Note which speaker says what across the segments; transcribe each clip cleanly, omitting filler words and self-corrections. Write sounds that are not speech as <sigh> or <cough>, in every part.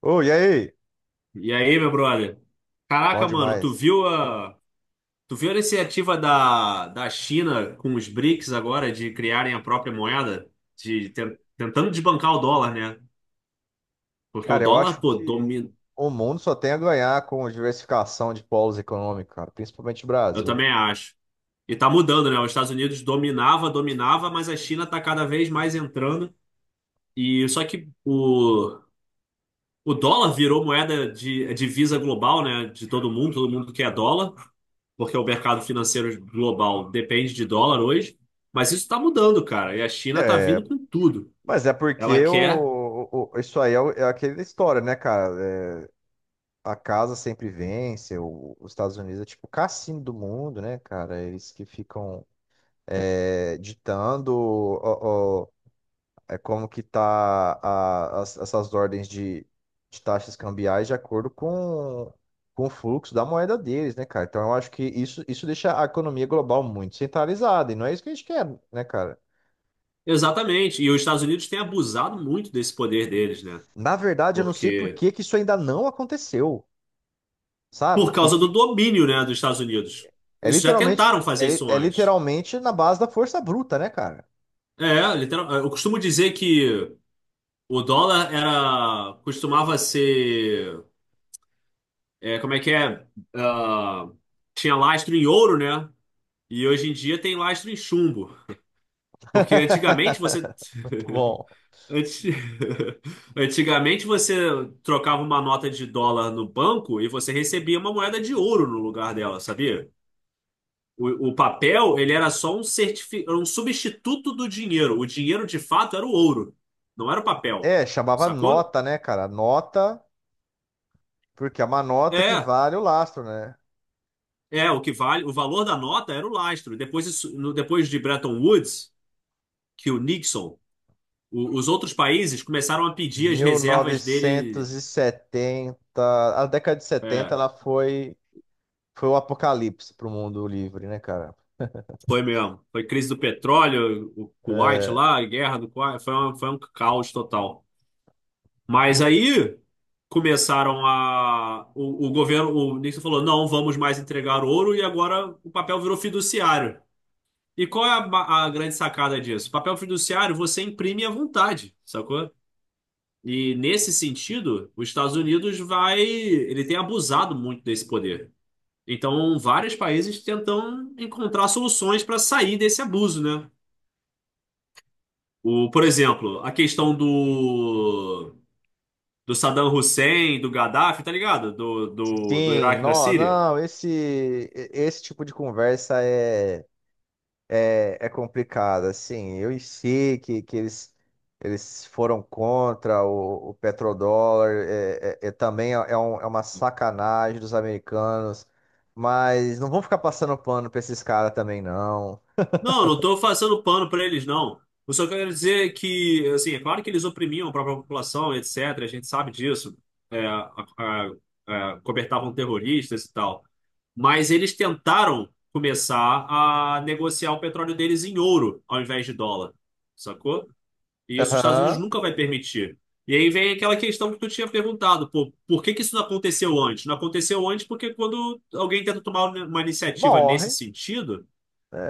Speaker 1: Ô, e aí?
Speaker 2: E aí, meu brother?
Speaker 1: Bom
Speaker 2: Caraca, mano,
Speaker 1: demais.
Speaker 2: tu viu a iniciativa da China com os BRICS agora de criarem a própria moeda? Tentando desbancar o dólar, né? Porque o
Speaker 1: Cara, eu acho
Speaker 2: dólar, pô,
Speaker 1: que
Speaker 2: domina.
Speaker 1: o mundo só tem a ganhar com diversificação de polos econômicos, cara, principalmente o
Speaker 2: Eu
Speaker 1: Brasil.
Speaker 2: também acho. E tá mudando, né? Os Estados Unidos dominava, dominava, mas a China tá cada vez mais entrando. E só que o dólar virou moeda de a divisa global, né? De todo mundo quer dólar. Porque o mercado financeiro global depende de dólar hoje, mas isso está mudando, cara. E a China está vindo com tudo.
Speaker 1: Mas é
Speaker 2: Ela
Speaker 1: porque
Speaker 2: quer.
Speaker 1: isso aí é aquela história, né, cara? É, a casa sempre vence, os Estados Unidos é tipo o cassino do mundo, né, cara? Eles que ficam ditando é como que tá essas ordens de taxas cambiais de acordo com o fluxo da moeda deles, né, cara? Então eu acho que isso deixa a economia global muito centralizada, e não é isso que a gente quer, né, cara?
Speaker 2: Exatamente. E os Estados Unidos têm abusado muito desse poder deles, né?
Speaker 1: Na verdade, eu não sei por
Speaker 2: Porque.
Speaker 1: que que isso ainda não aconteceu, sabe?
Speaker 2: Por causa do
Speaker 1: Porque
Speaker 2: domínio, né, dos Estados Unidos.
Speaker 1: é
Speaker 2: Eles já
Speaker 1: literalmente,
Speaker 2: tentaram
Speaker 1: é,
Speaker 2: fazer
Speaker 1: li-
Speaker 2: isso
Speaker 1: é
Speaker 2: antes.
Speaker 1: literalmente na base da força bruta, né, cara?
Speaker 2: Eu costumo dizer que o dólar era. Costumava ser. Como é que é? Ah, tinha lastro em ouro, né? E hoje em dia tem lastro em chumbo. Porque antigamente você.
Speaker 1: <laughs> Muito bom.
Speaker 2: <laughs> Anti- <laughs> Antigamente você trocava uma nota de dólar no banco e você recebia uma moeda de ouro no lugar dela, sabia? O papel, ele era só era um substituto do dinheiro. O dinheiro de fato era o ouro, não era o papel,
Speaker 1: É, chamava
Speaker 2: sacou?
Speaker 1: nota, né, cara? Nota, porque é uma nota que
Speaker 2: É,
Speaker 1: vale o lastro, né?
Speaker 2: o que vale, o valor da nota era o lastro. Depois, depois de Bretton Woods, que o Nixon, os outros países começaram a pedir as
Speaker 1: mil
Speaker 2: reservas
Speaker 1: novecentos
Speaker 2: dele.
Speaker 1: e setenta A década de 70
Speaker 2: é,
Speaker 1: ela foi o apocalipse para o mundo livre, né, cara?
Speaker 2: Foi mesmo. Foi crise do petróleo, o Kuwait
Speaker 1: É,
Speaker 2: lá, a guerra do Kuwait, foi um caos total. Mas aí começaram a. O governo, o Nixon falou: não, vamos mais entregar ouro, e agora o papel virou fiduciário. E qual é a grande sacada disso? Papel fiduciário você imprime à vontade, sacou? E nesse sentido, os Estados Unidos vai. Ele tem abusado muito desse poder. Então, vários países tentam encontrar soluções para sair desse abuso, né? Por exemplo, a questão do Saddam Hussein, do Gaddafi, tá ligado? Do
Speaker 1: sim,
Speaker 2: Iraque e da
Speaker 1: não,
Speaker 2: Síria.
Speaker 1: não, esse tipo de conversa é complicado, assim, eu sei que eles foram contra o petrodólar, é também é uma sacanagem dos americanos, mas não vão ficar passando pano para esses caras também, não.
Speaker 2: Não, não tô passando pano pra eles, não. Eu só quero dizer que, assim, é claro que eles oprimiam a própria população, etc. A gente sabe disso. É, cobertavam terroristas e tal. Mas eles tentaram começar a negociar o petróleo deles em ouro ao invés de dólar. Sacou? E isso os Estados Unidos
Speaker 1: Aham.
Speaker 2: nunca vai permitir. E aí vem aquela questão que tu tinha perguntado, pô, por que que isso não aconteceu antes? Não aconteceu antes porque quando alguém tenta tomar uma iniciativa nesse
Speaker 1: Morre.
Speaker 2: sentido,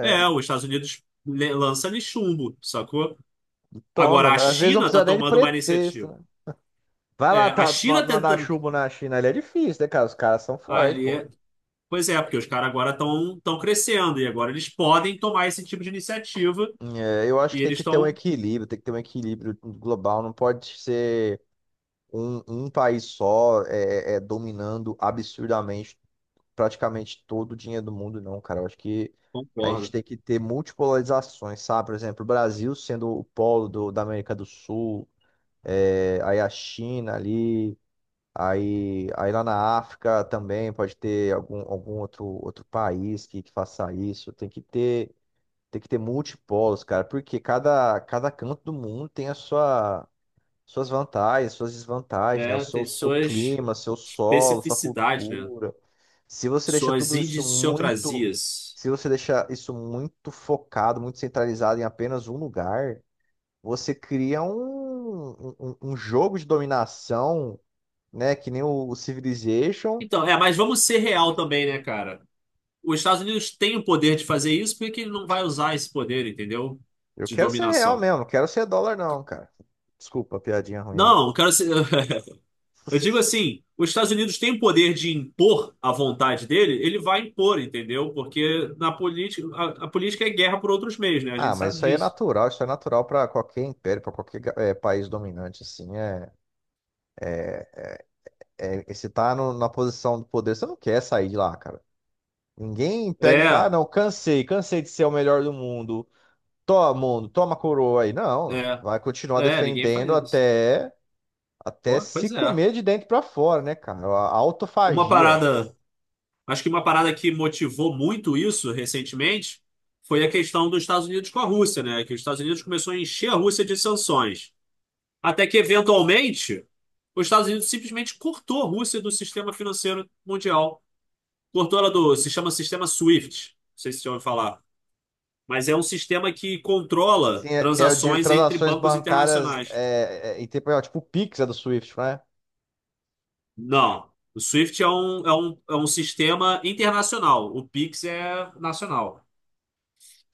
Speaker 2: os Estados Unidos lança ali chumbo, sacou?
Speaker 1: Toma,
Speaker 2: Agora a
Speaker 1: às vezes não
Speaker 2: China tá
Speaker 1: precisa nem de
Speaker 2: tomando uma
Speaker 1: pretexto,
Speaker 2: iniciativa.
Speaker 1: né? Vai
Speaker 2: É,
Speaker 1: lá
Speaker 2: a
Speaker 1: tá,
Speaker 2: China
Speaker 1: mandar
Speaker 2: tentando
Speaker 1: chuva na China, ali é difícil, né, cara? Os caras são fortes,
Speaker 2: ali,
Speaker 1: pô.
Speaker 2: pois é, porque os caras agora estão crescendo e agora eles podem tomar esse tipo de iniciativa
Speaker 1: É, eu acho
Speaker 2: e
Speaker 1: que tem
Speaker 2: eles
Speaker 1: que ter um
Speaker 2: estão,
Speaker 1: equilíbrio, tem que ter um equilíbrio global, não pode ser um país só dominando absurdamente praticamente todo o dinheiro do mundo, não, cara. Eu acho que a gente
Speaker 2: concordo.
Speaker 1: tem que ter multipolarizações, sabe? Por exemplo, o Brasil sendo o polo da América do Sul, aí a China ali. Aí lá na África também pode ter algum outro país que faça isso. Tem que ter multipolos, cara, porque cada canto do mundo tem suas vantagens, suas desvantagens, né? O
Speaker 2: É,
Speaker 1: seu,
Speaker 2: tem
Speaker 1: seu
Speaker 2: suas
Speaker 1: clima, seu solo, sua
Speaker 2: especificidades, né?
Speaker 1: cultura. Se você deixa
Speaker 2: Suas
Speaker 1: tudo isso muito,
Speaker 2: idiosincrasias.
Speaker 1: Se você deixa isso muito focado, muito centralizado em apenas um lugar, você cria um jogo de dominação, né? Que nem Civilization.
Speaker 2: Então, mas vamos ser real também, né, cara? Os Estados Unidos têm o poder de fazer isso, por que que ele não vai usar esse poder, entendeu?
Speaker 1: Eu
Speaker 2: De
Speaker 1: quero ser real
Speaker 2: dominação.
Speaker 1: mesmo, não quero ser dólar, não, cara. Desculpa, a piadinha ruim aí,
Speaker 2: Não,
Speaker 1: cara.
Speaker 2: eu quero ser... <laughs> Eu digo assim, os Estados Unidos têm o poder de impor a vontade dele, ele vai impor, entendeu? Porque na política, a política é guerra por outros meios, né? A
Speaker 1: Ah,
Speaker 2: gente
Speaker 1: mas
Speaker 2: sabe
Speaker 1: isso aí é
Speaker 2: disso.
Speaker 1: natural, isso é natural para qualquer império, para qualquer país dominante, assim. Se tá na posição do poder, você não quer sair de lá, cara. Ninguém pega e fala: ah,
Speaker 2: É,
Speaker 1: não, cansei, cansei de ser o melhor do mundo. Toma, mundo, toma a coroa aí. Não,
Speaker 2: é,
Speaker 1: vai continuar
Speaker 2: Ninguém faz
Speaker 1: defendendo
Speaker 2: isso.
Speaker 1: até
Speaker 2: Pô,
Speaker 1: se
Speaker 2: pois é.
Speaker 1: comer de dentro para fora, né, cara? A
Speaker 2: Uma
Speaker 1: autofagia.
Speaker 2: parada Acho que uma parada que motivou muito isso recentemente foi a questão dos Estados Unidos com a Rússia, né? Que os Estados Unidos começou a encher a Rússia de sanções. Até que, eventualmente, os Estados Unidos simplesmente cortou a Rússia do sistema financeiro mundial. Cortou ela do... Se chama sistema SWIFT. Não sei se você ouviu falar. Mas é um sistema que
Speaker 1: Sim,
Speaker 2: controla
Speaker 1: é o de
Speaker 2: transações entre
Speaker 1: transações
Speaker 2: bancos
Speaker 1: bancárias
Speaker 2: internacionais.
Speaker 1: em tempo real, tipo o Pix é do Swift, né?
Speaker 2: Não. O SWIFT é um sistema internacional. O PIX é nacional.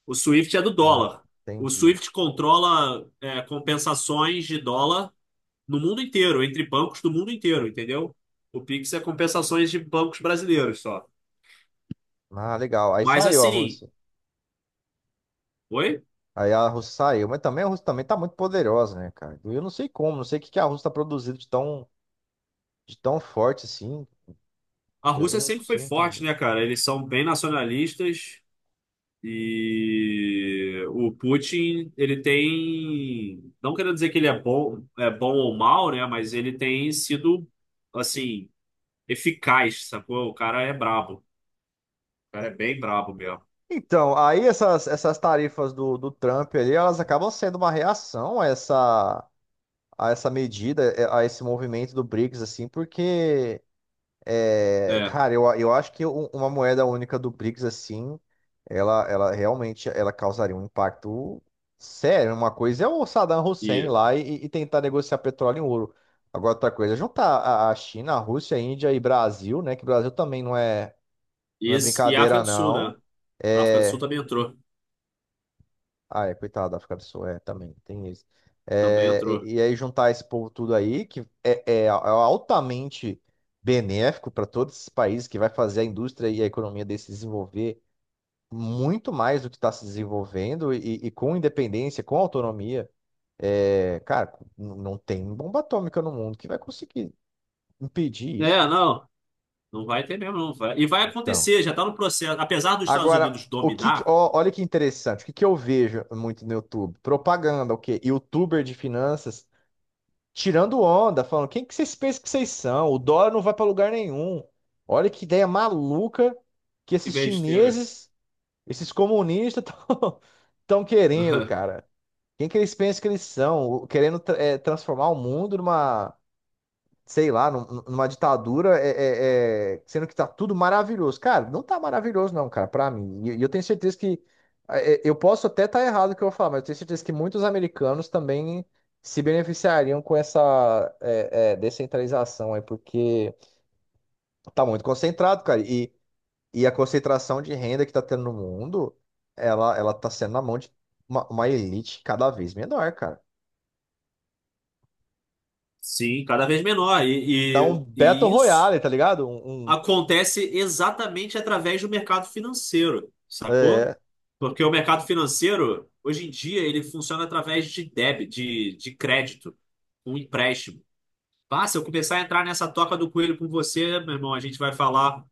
Speaker 2: O Swift é do
Speaker 1: Ah,
Speaker 2: dólar. O
Speaker 1: entendi.
Speaker 2: Swift controla compensações de dólar no mundo inteiro, entre bancos do mundo inteiro, entendeu? O Pix é compensações de bancos brasileiros só.
Speaker 1: Ah, legal. Aí
Speaker 2: Mas
Speaker 1: saiu a
Speaker 2: assim,
Speaker 1: Rússia.
Speaker 2: oi?
Speaker 1: Aí a Rússia saiu, mas também a Rússia também tá muito poderosa, né, cara? Eu não sei como, não sei o que que a Rússia tá produzindo de tão forte assim.
Speaker 2: A
Speaker 1: Eu
Speaker 2: Rússia
Speaker 1: não
Speaker 2: sempre foi
Speaker 1: consigo
Speaker 2: forte,
Speaker 1: entender.
Speaker 2: né, cara? Eles são bem nacionalistas e o Putin, ele tem, não quero dizer que ele é bom ou mal, né? Mas ele tem sido assim eficaz, sacou? O cara é brabo. O cara é bem brabo mesmo.
Speaker 1: Então, aí essas tarifas do Trump ali, elas acabam sendo uma reação a essa medida, a esse movimento do BRICS, assim, porque. É,
Speaker 2: É.
Speaker 1: cara, eu acho que uma moeda única do BRICS, assim, ela realmente ela causaria um impacto sério. Uma coisa é o Saddam Hussein
Speaker 2: E,
Speaker 1: lá e tentar negociar petróleo em ouro. Agora, outra coisa é juntar a China, a Rússia, a Índia e Brasil, né? Que o Brasil também não é,
Speaker 2: e,
Speaker 1: não é
Speaker 2: esse- e África
Speaker 1: brincadeira,
Speaker 2: do Sul,
Speaker 1: não.
Speaker 2: né? A África do Sul
Speaker 1: É,
Speaker 2: também entrou.
Speaker 1: ah, coitado da África do Sul, também, tem isso.
Speaker 2: Também
Speaker 1: É,
Speaker 2: entrou.
Speaker 1: e aí juntar esse povo tudo aí, que é altamente benéfico para todos esses países, que vai fazer a indústria e a economia deles se desenvolver muito mais do que está se desenvolvendo, e com independência, com autonomia. É, cara, não tem bomba atômica no mundo que vai conseguir impedir isso.
Speaker 2: É, não. Não vai ter mesmo, não. E vai
Speaker 1: Então,
Speaker 2: acontecer, já tá no processo. Apesar dos Estados
Speaker 1: agora,
Speaker 2: Unidos dominar,
Speaker 1: ó, olha que interessante, o que, que eu vejo muito no YouTube? Propaganda, o quê? Youtuber de finanças tirando onda, falando: quem que vocês pensam que vocês são? O dólar não vai para lugar nenhum. Olha que ideia maluca que
Speaker 2: que
Speaker 1: esses
Speaker 2: besteira.
Speaker 1: chineses, esses comunistas estão <laughs> querendo,
Speaker 2: <laughs>
Speaker 1: cara. Quem que eles pensam que eles são? Querendo transformar o mundo numa, sei lá, numa ditadura, sendo que tá tudo maravilhoso. Cara, não tá maravilhoso, não, cara, pra mim. E eu tenho certeza que. Eu posso até estar errado no que eu vou falar, mas eu tenho certeza que muitos americanos também se beneficiariam com essa descentralização aí, porque tá muito concentrado, cara. E a concentração de renda que tá tendo no mundo, ela tá sendo na mão de uma elite cada vez menor, cara.
Speaker 2: Sim, cada vez menor.
Speaker 1: Dá
Speaker 2: E,
Speaker 1: um Battle
Speaker 2: e, e isso
Speaker 1: Royale, tá ligado?
Speaker 2: acontece exatamente através do mercado financeiro, sacou?
Speaker 1: É,
Speaker 2: Porque o mercado financeiro, hoje em dia, ele funciona através de débito, de crédito, um empréstimo. Pá, se eu começar a entrar nessa toca do coelho com você, meu irmão, a gente vai falar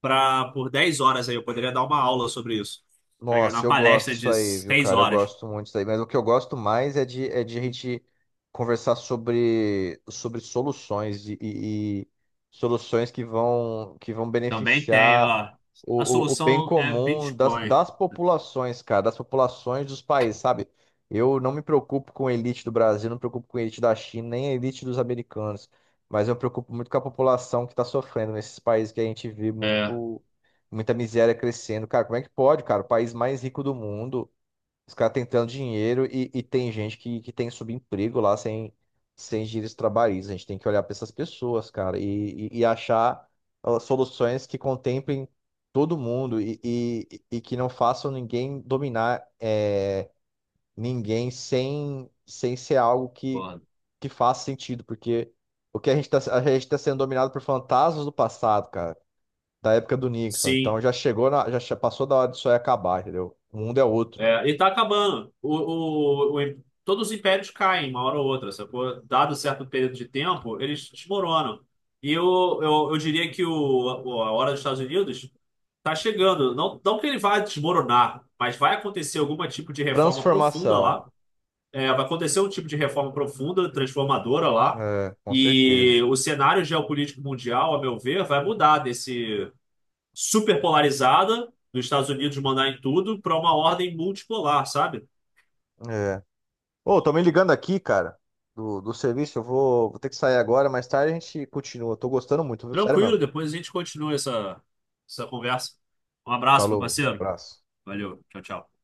Speaker 2: por 10 horas aí. Eu poderia dar uma aula sobre isso. Tá ligado?
Speaker 1: Nossa,
Speaker 2: Uma
Speaker 1: eu gosto
Speaker 2: palestra
Speaker 1: disso
Speaker 2: de
Speaker 1: aí, viu,
Speaker 2: seis
Speaker 1: cara? Eu
Speaker 2: horas.
Speaker 1: gosto muito disso aí. Mas o que eu gosto mais é de a gente conversar sobre soluções e soluções que vão
Speaker 2: Também tem,
Speaker 1: beneficiar
Speaker 2: ó. A
Speaker 1: o bem
Speaker 2: solução é
Speaker 1: comum das,
Speaker 2: Bitcoin.
Speaker 1: das populações, cara, das populações dos países, sabe? Eu não me preocupo com a elite do Brasil, não me preocupo com a elite da China, nem a elite dos americanos. Mas eu me preocupo muito com a população que está sofrendo nesses países, que a gente vê
Speaker 2: É,
Speaker 1: muito muita miséria crescendo. Cara, como é que pode, cara? O país mais rico do mundo, os caras tentando dinheiro e tem gente que tem subemprego lá sem direitos trabalhistas. A gente tem que olhar para essas pessoas, cara, e achar soluções que contemplem todo mundo e que não façam ninguém dominar ninguém sem ser algo que,
Speaker 2: porra.
Speaker 1: que faça sentido, porque. O que a gente está, A gente tá sendo dominado por fantasmas do passado, cara, da época do Nixon. Então
Speaker 2: Sim.
Speaker 1: já chegou na, já che- passou da hora disso aí acabar, entendeu? O mundo é outro.
Speaker 2: É, e tá acabando. Todos os impérios caem, uma hora ou outra, sacou? Dado certo período de tempo, eles desmoronam. E eu diria que a hora dos Estados Unidos tá chegando. Não, não que ele vá desmoronar, mas vai acontecer algum tipo de reforma profunda
Speaker 1: Transformação.
Speaker 2: lá. É, vai acontecer um tipo de reforma profunda, transformadora lá.
Speaker 1: É, com certeza.
Speaker 2: E o cenário geopolítico mundial, a meu ver, vai mudar desse super polarizada dos Estados Unidos mandar em tudo para uma ordem multipolar, sabe?
Speaker 1: É. Ô, tô me ligando aqui, cara, do serviço. Vou ter que sair agora, mais tarde a gente continua. Tô gostando muito, viu? Sério
Speaker 2: Tranquilo,
Speaker 1: mesmo.
Speaker 2: depois a gente continua essa conversa. Um abraço, meu
Speaker 1: Falou,
Speaker 2: parceiro.
Speaker 1: abraço.
Speaker 2: Valeu, tchau, tchau.